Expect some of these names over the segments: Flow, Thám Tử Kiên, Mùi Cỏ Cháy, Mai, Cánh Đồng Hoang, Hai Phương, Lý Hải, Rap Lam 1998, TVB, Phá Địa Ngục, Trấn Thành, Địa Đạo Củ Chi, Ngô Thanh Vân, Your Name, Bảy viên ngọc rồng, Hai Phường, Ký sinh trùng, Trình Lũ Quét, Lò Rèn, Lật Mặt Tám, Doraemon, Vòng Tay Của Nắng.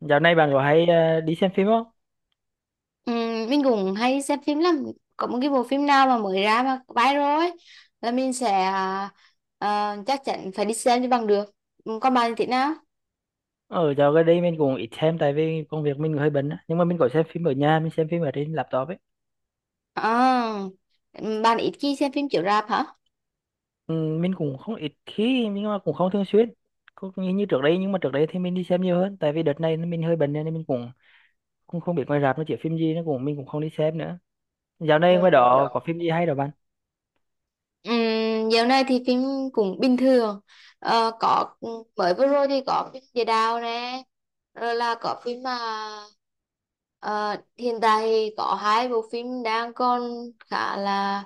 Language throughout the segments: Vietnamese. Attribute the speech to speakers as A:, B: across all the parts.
A: Dạo này bạn có hay đi xem phim không?
B: Ừ, mình cũng hay xem phim lắm. Có một cái bộ phim nào mà mới ra mà viral ấy là mình sẽ chắc chắn phải đi xem cho bằng được. Ừ, còn bạn thì thế nào?
A: Ở dạo gần đây mình cũng ít xem tại vì công việc mình hơi bận á. Nhưng mà mình có xem phim ở nhà, mình xem phim ở trên laptop ấy.
B: À, bạn ít khi xem phim chiếu rạp hả?
A: Ừ, mình cũng không ít khi nhưng mà cũng không thường xuyên. Cũng như trước đây, nhưng mà trước đây thì mình đi xem nhiều hơn. Tại vì đợt này mình hơi bận nên mình cũng cũng không biết ngoài rạp nó chiếu phim gì, nó cũng mình cũng không đi xem nữa. Dạo này ngoài
B: Ừ.
A: đó có phim gì hay đâu bạn?
B: Dạo này thì phim cũng bình thường. Ờ, có, mới vừa rồi thì có phim Địa Đạo nè, rồi là có phim mà ờ, hiện tại thì có hai bộ phim đang còn khá là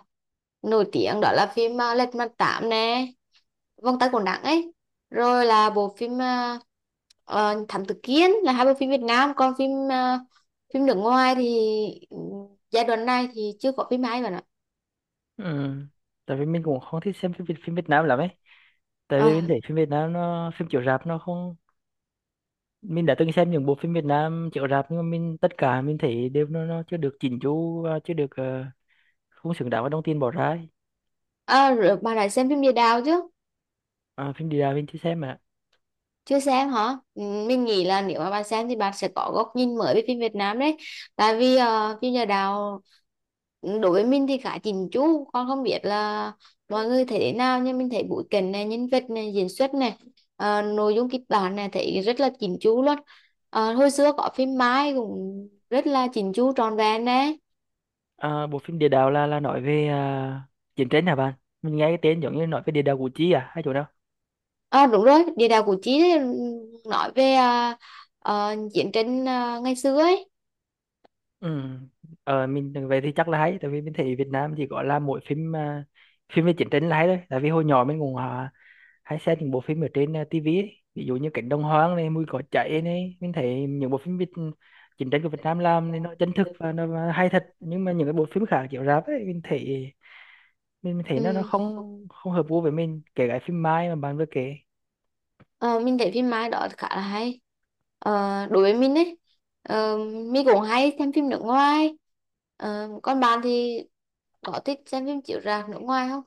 B: nổi tiếng, đó là phim Lật Mặt Tám nè, Vòng Tay Của Nắng ấy, rồi là bộ phim Thám Tử Kiên, là hai bộ phim Việt Nam. Còn phim ờ, phim nước ngoài thì giai đoạn này thì chưa có phim hay bạn ạ.
A: Ừ. Tại vì mình cũng không thích xem phim Việt Nam lắm ấy. Tại vì
B: Ờ,
A: mình thấy phim Việt Nam nó phim chiếu rạp nó không, mình đã từng xem những bộ phim Việt Nam chiếu rạp nhưng mà mình tất cả mình thấy đều nó chưa được chỉnh chu và chưa được không xứng đáng với đồng tiền bỏ ra ấy.
B: à, rồi bà đã xem phim Địa Đạo chứ?
A: À, phim địa đạo mình chưa xem mà.
B: Chưa xem hả? Ừ, mình nghĩ là nếu mà bà xem thì bà sẽ có góc nhìn mới về phim Việt Nam đấy. Tại vì ờ, phim Địa Đạo đối với mình thì khá chỉnh chu. Con không biết là mọi người thấy thế nào, nhưng mình thấy bối cảnh này, nhân vật này, diễn xuất này, ờ, nội dung kịch bản này thấy rất là chỉnh chu luôn. Ờ, hồi xưa có phim Mai cũng rất là chỉnh chu trọn vẹn đấy.
A: Bộ phim địa đạo là nói về chiến tranh hả bạn? Mình nghe cái tên giống như nói về địa đạo Củ Chi à, hay chỗ nào?
B: À, đúng rồi, Địa Đạo Củ Chi đấy, ừ, nói về ờ, ờ, chiến tranh ờ, ngày xưa ấy.
A: Ừ. Mình về thì chắc là hay, tại vì mình thấy Việt Nam chỉ gọi là mỗi phim phim về chiến tranh là hay thôi. Tại vì hồi nhỏ mình cũng hay xem những bộ phim ở trên TV ấy. Ví dụ như Cánh Đồng Hoang này, Mùi Cỏ Cháy này, mình thấy những bộ phim Việt, chiến tranh của Việt Nam làm thì nó chân thực và nó hay thật. Nhưng mà những cái bộ phim khác chiếu rạp ấy mình thấy, mình thấy nó
B: Ừ.
A: không không hợp gu với mình, kể cả phim Mai mà bạn vừa kể.
B: Ờ, mình thấy phim Mai đó khá là hay. Ờ, đối với mình ấy, ờ, mình cũng hay xem phim nước ngoài. Ờ, còn bạn thì có thích xem phim chiếu rạp nước ngoài không?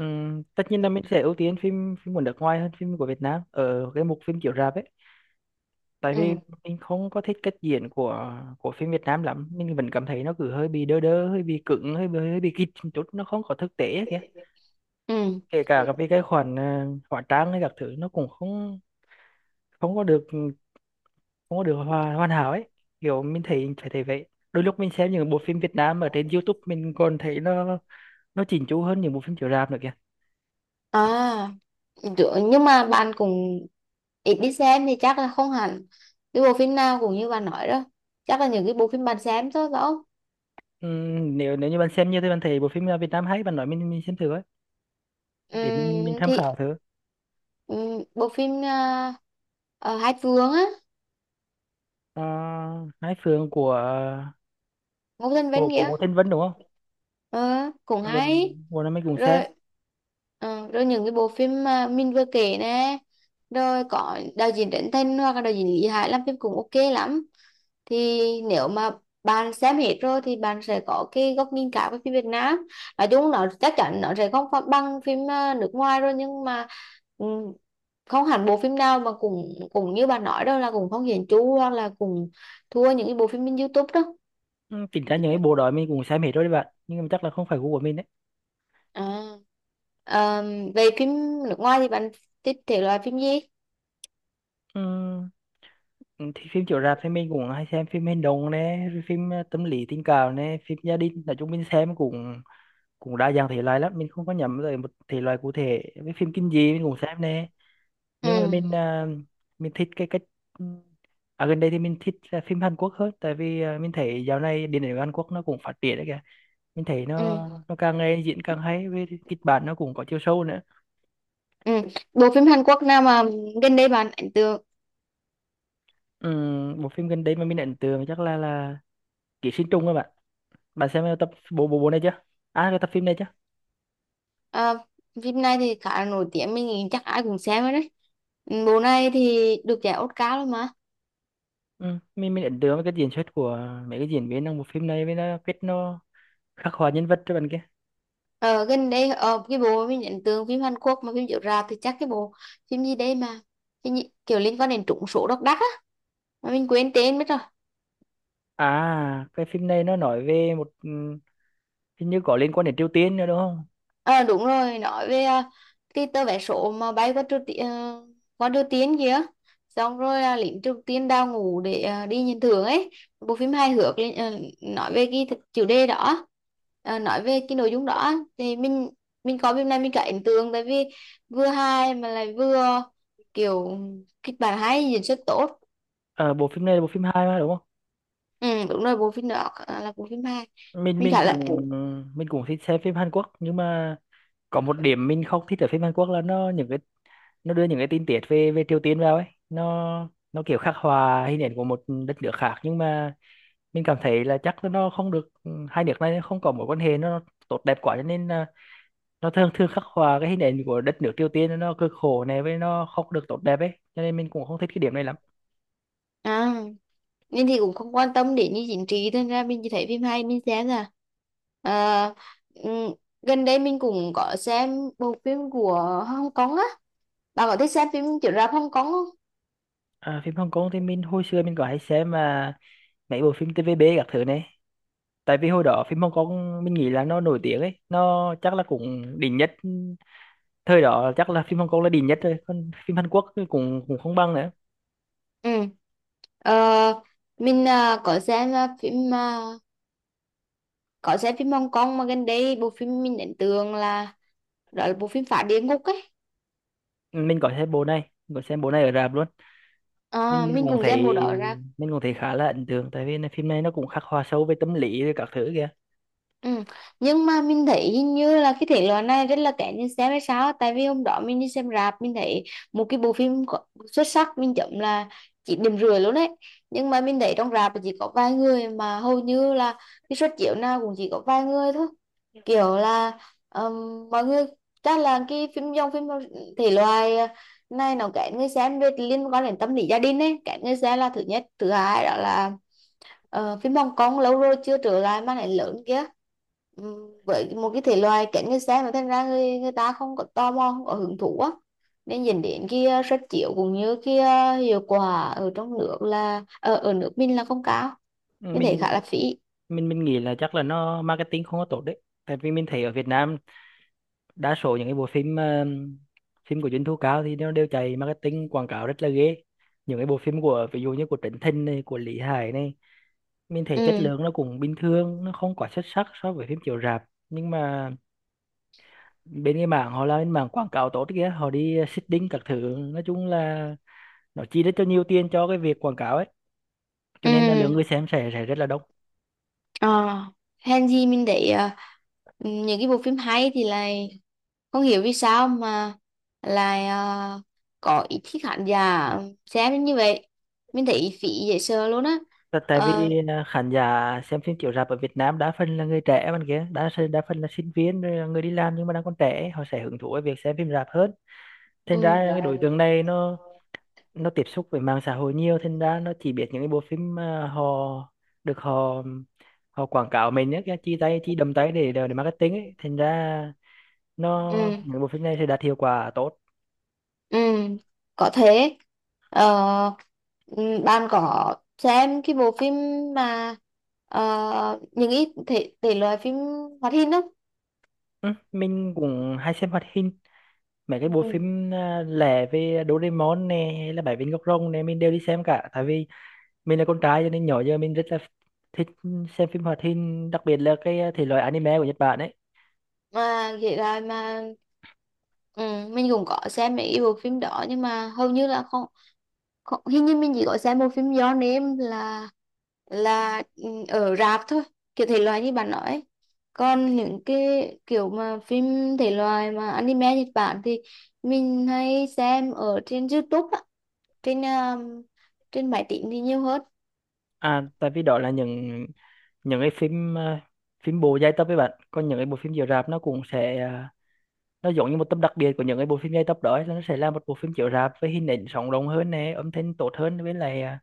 A: Tất nhiên là mình sẽ ưu tiên phim phim của nước ngoài hơn phim của Việt Nam ở cái mục phim chiếu rạp ấy, tại vì
B: Ừ.
A: mình không có thích cách diễn của phim Việt Nam lắm. Mình vẫn cảm thấy nó cứ hơi bị đơ đơ, hơi bị cứng, hơi bị kịch một chút, nó không có thực tế ấy kìa,
B: Ừ.
A: kể cả các cái vì cái khoản hóa trang hay các thứ, nó cũng không không có được hoàn, hoàn hảo ấy. Kiểu mình thấy phải thấy vậy. Đôi lúc mình xem những bộ phim Việt Nam ở trên YouTube, mình còn thấy nó chỉnh chu hơn những bộ phim chiếu rạp nữa kìa.
B: À, nhưng mà bạn cũng ít đi xem thì chắc là không hẳn cái bộ phim nào cũng như bạn nói đó, chắc là những cái bộ phim bạn xem thôi phải không?
A: Nếu nếu như bạn xem như thế, bạn thấy bộ phim Việt Nam hay, bạn nói mình xem thử ấy, để mình tham
B: Thì
A: khảo thử.
B: bộ phim Hai Phương á,
A: Ờ, Hai Phường của
B: Ngô Thanh
A: của
B: Vân
A: của
B: kìa.
A: Ngô Thanh Vân đúng không?
B: Ờ, cũng
A: Ừ,
B: hay.
A: bộ này mình cũng
B: Rồi,
A: xem.
B: ờ, rồi những cái bộ phim mà mình vừa kể nè, rồi có đạo diễn Trấn Thành hoặc là đạo diễn Lý Hải làm phim cũng ok lắm. Thì nếu mà bạn xem hết rồi thì bạn sẽ có cái góc nhìn cả với phim Việt Nam. Nói chung nó chắc chắn nó sẽ không phải bằng phim ờ, nước ngoài rồi, nhưng mà ừ, không hẳn bộ phim nào mà cũng cũng như bạn nói đâu là cũng không hiển chu hoặc là cũng thua những cái bộ phim trên YouTube đó.
A: Chính ra những cái bộ đó mình cũng xem hết rồi đấy bạn, nhưng mà chắc là không phải gu của mình đấy.
B: À. Ờ, về phim nước ngoài thì bạn thích thể loại phim gì?
A: Ừ. Ừ, thì phim chiếu rạp thì mình cũng hay xem phim hành động nè, rồi phim tâm lý tình cảm nè, phim gia đình. Nói chung mình xem cũng cũng đa dạng thể loại lắm, mình không có nhắm tới một thể loại cụ thể. Với phim kinh dị mình cũng xem nè,
B: Ừ,
A: nhưng mà mình mình thích cái cách, ừ, gần đây thì mình thích là phim Hàn Quốc hơn, tại vì mình thấy dạo này điện ảnh Hàn Quốc nó cũng phát triển đấy kìa. Mình thấy
B: ừ,
A: nó càng ngày diễn càng hay, với kịch bản nó cũng có chiều sâu nữa.
B: ừ. Bộ phim Hàn Quốc nào mà gần đây bạn ấn tượng?
A: Ừ, một phim gần đây mà mình ấn tượng chắc là Ký sinh trùng các bạn. Bạn xem tập bộ bộ bộ này chưa, à cái tập phim này chưa?
B: Ờ, phim này thì khá là nổi tiếng, mình nghĩ chắc ai cũng xem rồi đấy. Ừ, bộ này thì được giải Oscar luôn mà.
A: Ừ. mình ấn tượng với cái diễn xuất của mấy cái diễn viên trong bộ phim này, với nó cách nó khắc họa nhân vật cho bạn kia.
B: Ờ, gần đây ờ, cái bộ mình ấn tượng phim Hàn Quốc mà phim chiếu rạp thì chắc cái bộ phim gì đây mà, cái gì, kiểu liên quan đến trúng số độc đắc á, mà mình quên tên mất rồi.
A: À cái phim này nó nói về một, ừ, hình như có liên quan đến Triều Tiên nữa đúng không?
B: À, đúng rồi, nói về à, cái tờ vé số mà bay qua Triều Tiên kìa. Xong rồi à, lính Triều Tiên đào ngũ để à, đi nhận thưởng ấy. Bộ phim hài hước ờ, nói về cái chủ đề đó, ờ, nói về cái nội dung đó thì mình coi phim này mình cả ấn tượng tại vì vừa hài mà lại vừa kiểu kịch bản hay diễn xuất tốt.
A: À, bộ phim này là bộ phim hai mà đúng không?
B: Ừ, đúng rồi, bộ phim đó là bộ phim hài.
A: mình
B: Mình
A: mình
B: khá là
A: cũng mình cũng thích xem phim Hàn Quốc, nhưng mà có một điểm mình không thích ở phim Hàn Quốc là nó những cái, nó đưa những cái tin tiết về về Triều Tiên vào ấy. Nó kiểu khắc họa hình ảnh của một đất nước khác, nhưng mà mình cảm thấy là chắc là nó không được, ừ, hai nước này không có mối quan hệ nó tốt đẹp quá, cho nên là nó thường thường khắc họa cái hình ảnh của đất nước Triều Tiên nó cực khổ này, với nó không được tốt đẹp ấy, cho nên mình cũng không thích cái điểm này lắm.
B: à, nên thì cũng không quan tâm đến như chính trị nên ra mình chỉ thấy phim hay mình xem là à, ừm, gần đây mình cũng có xem bộ phim của Hong Kong á. Bạn có thích xem phim chiếu rạp Hong Kong không?
A: À, phim Hồng Kông thì mình hồi xưa mình có hay xem mà, mấy bộ phim TVB các thứ này. Tại vì hồi đó phim Hồng Kông mình nghĩ là nó nổi tiếng ấy, nó chắc là cũng đỉnh nhất, ừ, thời đó chắc là phim Hồng Kông là đỉnh nhất rồi, còn phim Hàn Quốc thì cũng cũng không bằng nữa.
B: Ừ. Ờ, mình à, có xem à, phim à, có xem phim Hong Kong mà gần đây bộ phim mình ấn tượng là, đó là bộ phim Phá Địa Ngục ấy.
A: Mình có xem bộ này, mình có xem bộ này ở rạp luôn.
B: Ờ,
A: Mình
B: mình
A: cũng
B: cũng
A: thấy,
B: xem bộ đó ra.
A: mình cũng thấy khá là ấn tượng, tại vì là phim này nó cũng khắc họa sâu về tâm lý rồi các thứ kìa.
B: Ừ. Nhưng mà mình thấy hình như là cái thể loại này rất là kén nhìn xem hay sao, tại vì hôm đó mình đi xem rạp mình thấy một cái bộ phim xuất sắc mình chấm là chỉ điểm rưỡi luôn đấy, nhưng mà mình thấy trong rạp là chỉ có vài người, mà hầu như là cái suất chiếu nào cũng chỉ có vài người thôi. Kiểu là mọi người chắc là cái phim dòng phim thể loại này nó kén người xem, về liên quan đến tâm lý gia đình ấy, kén người xem là thứ nhất, thứ hai đó là ờ, phim Hồng Kông lâu rồi chưa trở lại mà lại lớn kia. Với một cái thể loại kén người xem mà thành ra người ta không có tò mò không có hứng thú á, nên dẫn đến cái suất chiếu cũng như cái hiệu quả ở trong nước là ở ở nước mình là không cao, mình thấy
A: mình
B: khá là phí.
A: mình mình nghĩ là chắc là nó marketing không có tốt đấy, tại vì mình thấy ở Việt Nam đa số những cái bộ phim phim của doanh thu cao thì nó đều chạy marketing quảng cáo rất là ghê. Những cái bộ phim của ví dụ như của Trấn Thành này, của Lý Hải này, mình thấy chất
B: Ừ,
A: lượng nó cũng bình thường, nó không quá xuất sắc so với phim chiếu rạp. Nhưng mà bên cái mảng họ là bên mảng quảng cáo tốt kìa, họ đi seeding các thứ, nói chung là nó chi rất cho nhiều tiền cho cái việc quảng cáo ấy, cho nên là lượng
B: ừ,
A: người xem sẽ rất là đông.
B: ờ, hèn gì mình thấy ờ, những cái bộ phim hay thì lại không hiểu vì sao mà lại à, có ít khi khán giả xem đến như vậy, mình thấy phí dễ sợ luôn á.
A: Tại tại
B: Ờ,
A: vì khán giả xem phim chiếu rạp ở Việt Nam đa phần là người trẻ bạn kia, đa phần là sinh viên rồi là người đi làm nhưng mà đang còn trẻ, họ sẽ hứng thú với việc xem phim rạp hơn. Thành
B: ừ,
A: ra cái đối tượng này nó tiếp xúc với mạng xã hội nhiều, thành ra nó chỉ biết những cái bộ phim mà họ được họ họ quảng cáo mình ấy, cái chi tay chi đầm tay để marketing ấy. Thành ra nó
B: ừ,
A: những bộ phim này sẽ đạt hiệu quả tốt.
B: ừ, có thế. Ờ, ừ, bạn có xem cái bộ phim mà ờ, những ít thể loại phim hoạt hình không?
A: Ừ, mình cũng hay xem hoạt hình, mấy cái bộ
B: Ừ.
A: phim lẻ về Doraemon nè, hay là Bảy viên ngọc rồng nè, mình đều đi xem cả. Tại vì mình là con trai cho nên nhỏ giờ mình rất là thích xem phim hoạt hình, đặc biệt là cái thể loại anime của Nhật Bản ấy.
B: Mà vậy là mà ừ, mình cũng có xem mấy cái bộ phim đó nhưng mà hầu như là không. Còn, hình như mình chỉ có xem một phim Your Name là ừ, ở rạp thôi, kiểu thể loại như bạn nói ấy. Còn những cái kiểu mà phim thể loại mà anime Nhật Bản thì mình hay xem ở trên YouTube á, trên trên máy tính thì nhiều hơn.
A: À tại vì đó là những cái phim phim bộ dài tập với bạn. Còn những cái bộ phim chiếu rạp nó cũng sẽ nó giống như một tập đặc biệt của những cái bộ phim dài tập đó ấy, là nó sẽ là một bộ phim chiếu rạp với hình ảnh sống động hơn nè, âm thanh tốt hơn, với lại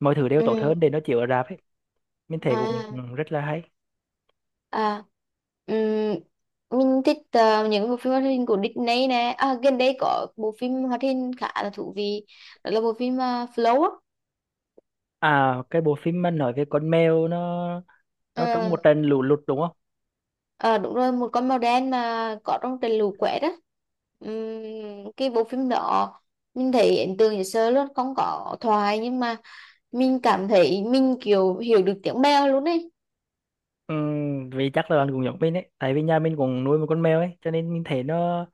A: mọi thứ đều tốt
B: Ừ.
A: hơn để nó chiếu ở rạp ấy. Mình thấy cũng
B: À,
A: cũng rất là hay.
B: à, ừm, mình thích ờ, những bộ phim hoạt hình của Disney nè. À, gần đây có bộ phim hoạt hình khá là thú vị, đó là bộ phim ờ, Flow á.
A: À cái bộ phim mà nói về con mèo nó trong một
B: Ừ.
A: trận lũ lụt đúng không?
B: Ờ đúng rồi, một con màu đen mà có trong Trình Lũ Quét đó. Cái bộ phim đó mình thấy ấn tượng dễ sợ luôn, không có thoại nhưng mà mình cảm thấy mình kiểu hiểu được tiếng Mèo luôn ấy.
A: Ừ, vì chắc là bạn cũng giống mình ấy, tại vì nhà mình cũng nuôi một con mèo ấy, cho nên mình thấy nó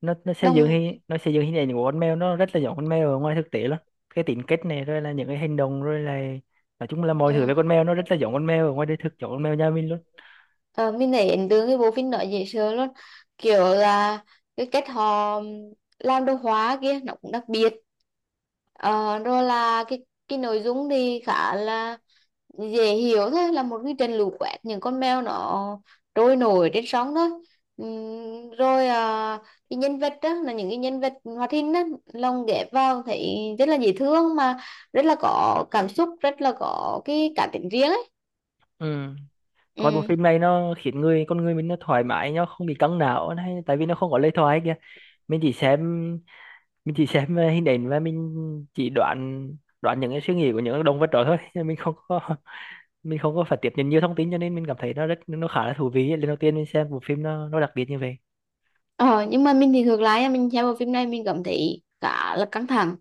B: Đồng.
A: nó xây dựng hình ảnh của con mèo nó rất là giống con mèo ở ngoài thực tế luôn. Cái tính cách này, rồi là những cái hành động, rồi là nói chung là mọi thứ về con mèo nó rất là giống con mèo ở ngoài đời thực, giống con mèo nhà mình luôn.
B: Ờ, mình thấy ấn tượng cái bộ phim đó dễ sợ luôn, kiểu là cái cách họ làm đồ họa kia nó cũng đặc biệt. Ờ, rồi là cái nội dung thì khá là dễ hiểu thôi, là một cái trận lũ quét, những con mèo nó trôi nổi trên sóng thôi. Rồi à, cái nhân vật đó, là những cái nhân vật hoạt hình đó lồng ghép vào thấy rất là dễ thương, mà rất là có cảm xúc, rất là có cái cá tính riêng ấy.
A: Ừ. Coi bộ
B: Ừ.
A: phim này nó khiến con người mình nó thoải mái, nó không bị căng não hay, tại vì nó không có lời thoại kìa. Mình chỉ xem mình chỉ xem hình ảnh, và mình chỉ đoán đoán những cái suy nghĩ của những động vật đó thôi nên mình không có mình không có phải tiếp nhận nhiều thông tin, cho nên mình cảm thấy nó rất nó khá là thú vị ấy. Lần đầu tiên mình xem bộ phim nó đặc biệt như vậy.
B: Ờ, nhưng mà mình thì ngược lại nha, mình xem bộ phim này mình cảm thấy cả là căng thẳng,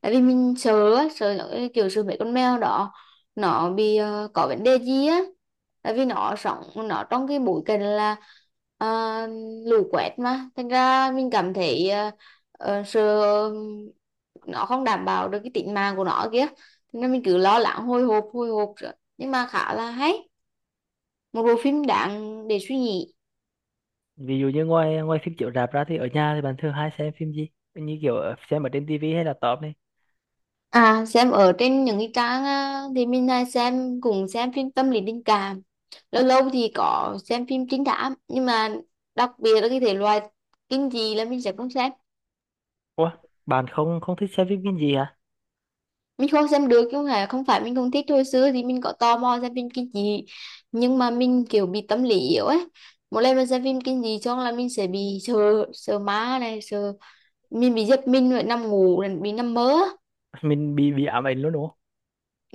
B: tại vì mình sợ á, sợ nó cái kiểu sợ mấy con mèo đó nó bị ờ, có vấn đề gì á, tại vì nó sống nó trong cái bối cảnh là ờ, lũ quét, mà thành ra mình cảm thấy ờ, ờ, sợ nó không đảm bảo được cái tính mạng của nó kia. Thế nên mình cứ lo lắng, hồi hộp rồi, nhưng mà khá là hay, một bộ phim đáng để suy nghĩ.
A: Ví dụ như ngoài ngoài phim chiếu rạp ra thì ở nhà thì bạn thường hay xem phim gì, như kiểu xem ở trên tivi hay là laptop này?
B: À, xem ở trên những cái trang á, thì mình hay xem cùng xem phim tâm lý tình cảm, lâu lâu thì có xem phim trinh thám, nhưng mà đặc biệt là cái thể loại kinh dị là mình sẽ không xem.
A: Ủa, bạn không không thích xem phim kinh gì hả?
B: Mình không xem được chứ không phải mình không thích. Hồi xưa thì mình có tò mò xem phim kinh dị, nhưng mà mình kiểu bị tâm lý yếu ấy, một lần mà xem phim kinh dị xong là mình sẽ bị sợ, sợ ma này, sợ, mình bị giật mình rồi nằm ngủ rồi bị nằm mơ.
A: Mình bị ám ảnh luôn đúng không?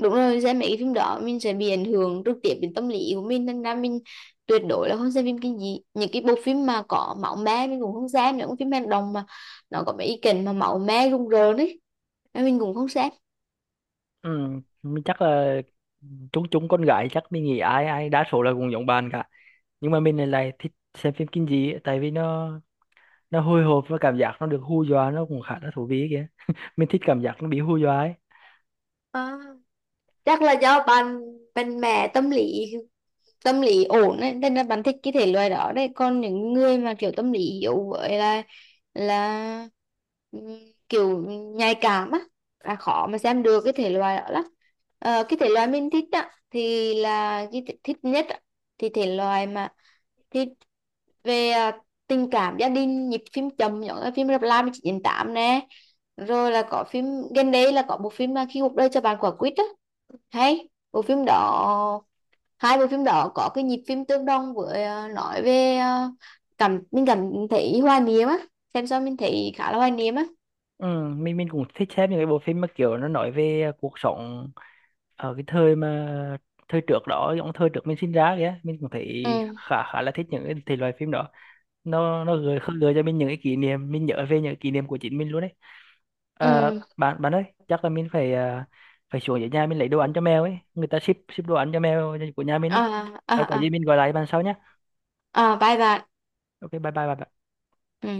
B: Đúng rồi, xem mấy cái phim đó mình sẽ bị ảnh hưởng trực tiếp đến tâm lý của mình, nên ra mình tuyệt đối là không xem phim cái gì, những cái bộ phim mà có máu me mình cũng không xem, những phim hành động mà nó có mấy ý cảnh mà máu me rùng rợn ấy, nên mình cũng không xem.
A: Ừ, mình chắc là chúng chúng con gái chắc mình nghĩ ai ai đa số là cũng giống bạn cả. Nhưng mà mình lại lại thích xem phim kinh dị ấy, tại vì nó hồi hộp và cảm giác nó được hù dọa nó cũng khá là thú vị kìa. Mình thích cảm giác nó bị hù dọa ấy.
B: À, chắc là do bạn mạnh mẹ tâm lý, tâm lý ổn ấy, nên là bạn thích cái thể loại đó đấy, còn những người mà kiểu tâm lý yếu với là ừm, kiểu nhạy cảm á, là khó mà xem được cái thể loại đó lắm. Ờ, cái thể loại mình thích á thì là cái thích nhất á, thì thể loại mà thích về à, tình cảm gia đình nhịp phim chậm, giống như phim Rap Lam 1998 nè, rồi là có phim gần đây là có bộ phim mà khi cuộc đời cho bạn quả quýt á, hay bộ phim đó, hai bộ phim đó có cái nhịp phim tương đồng với ờ, nói về ờ, cảm mình cảm thấy hoài niệm á, xem xong mình thấy khá là hoài niệm á.
A: Ừ, mình cũng thích xem những cái bộ phim mà kiểu nó nói về cuộc sống ở cái thời mà thời trước đó, giống thời trước mình sinh ra kìa, mình cũng thấy
B: Ừ,
A: khá khá là thích những cái thể loại phim đó. Nó gợi khơi gợi cho mình những cái kỷ niệm, mình nhớ về những kỷ niệm của chính mình luôn đấy. À,
B: ừ,
A: bạn bạn ơi chắc là mình phải phải xuống dưới nhà mình lấy đồ ăn cho mèo ấy, người ta ship ship đồ ăn cho mèo của nhà mình
B: à,
A: ấy. À, có
B: à, à,
A: gì mình gọi lại bạn sau nhé.
B: à, bye bạn.
A: Ok bye bye bạn.
B: Ừ.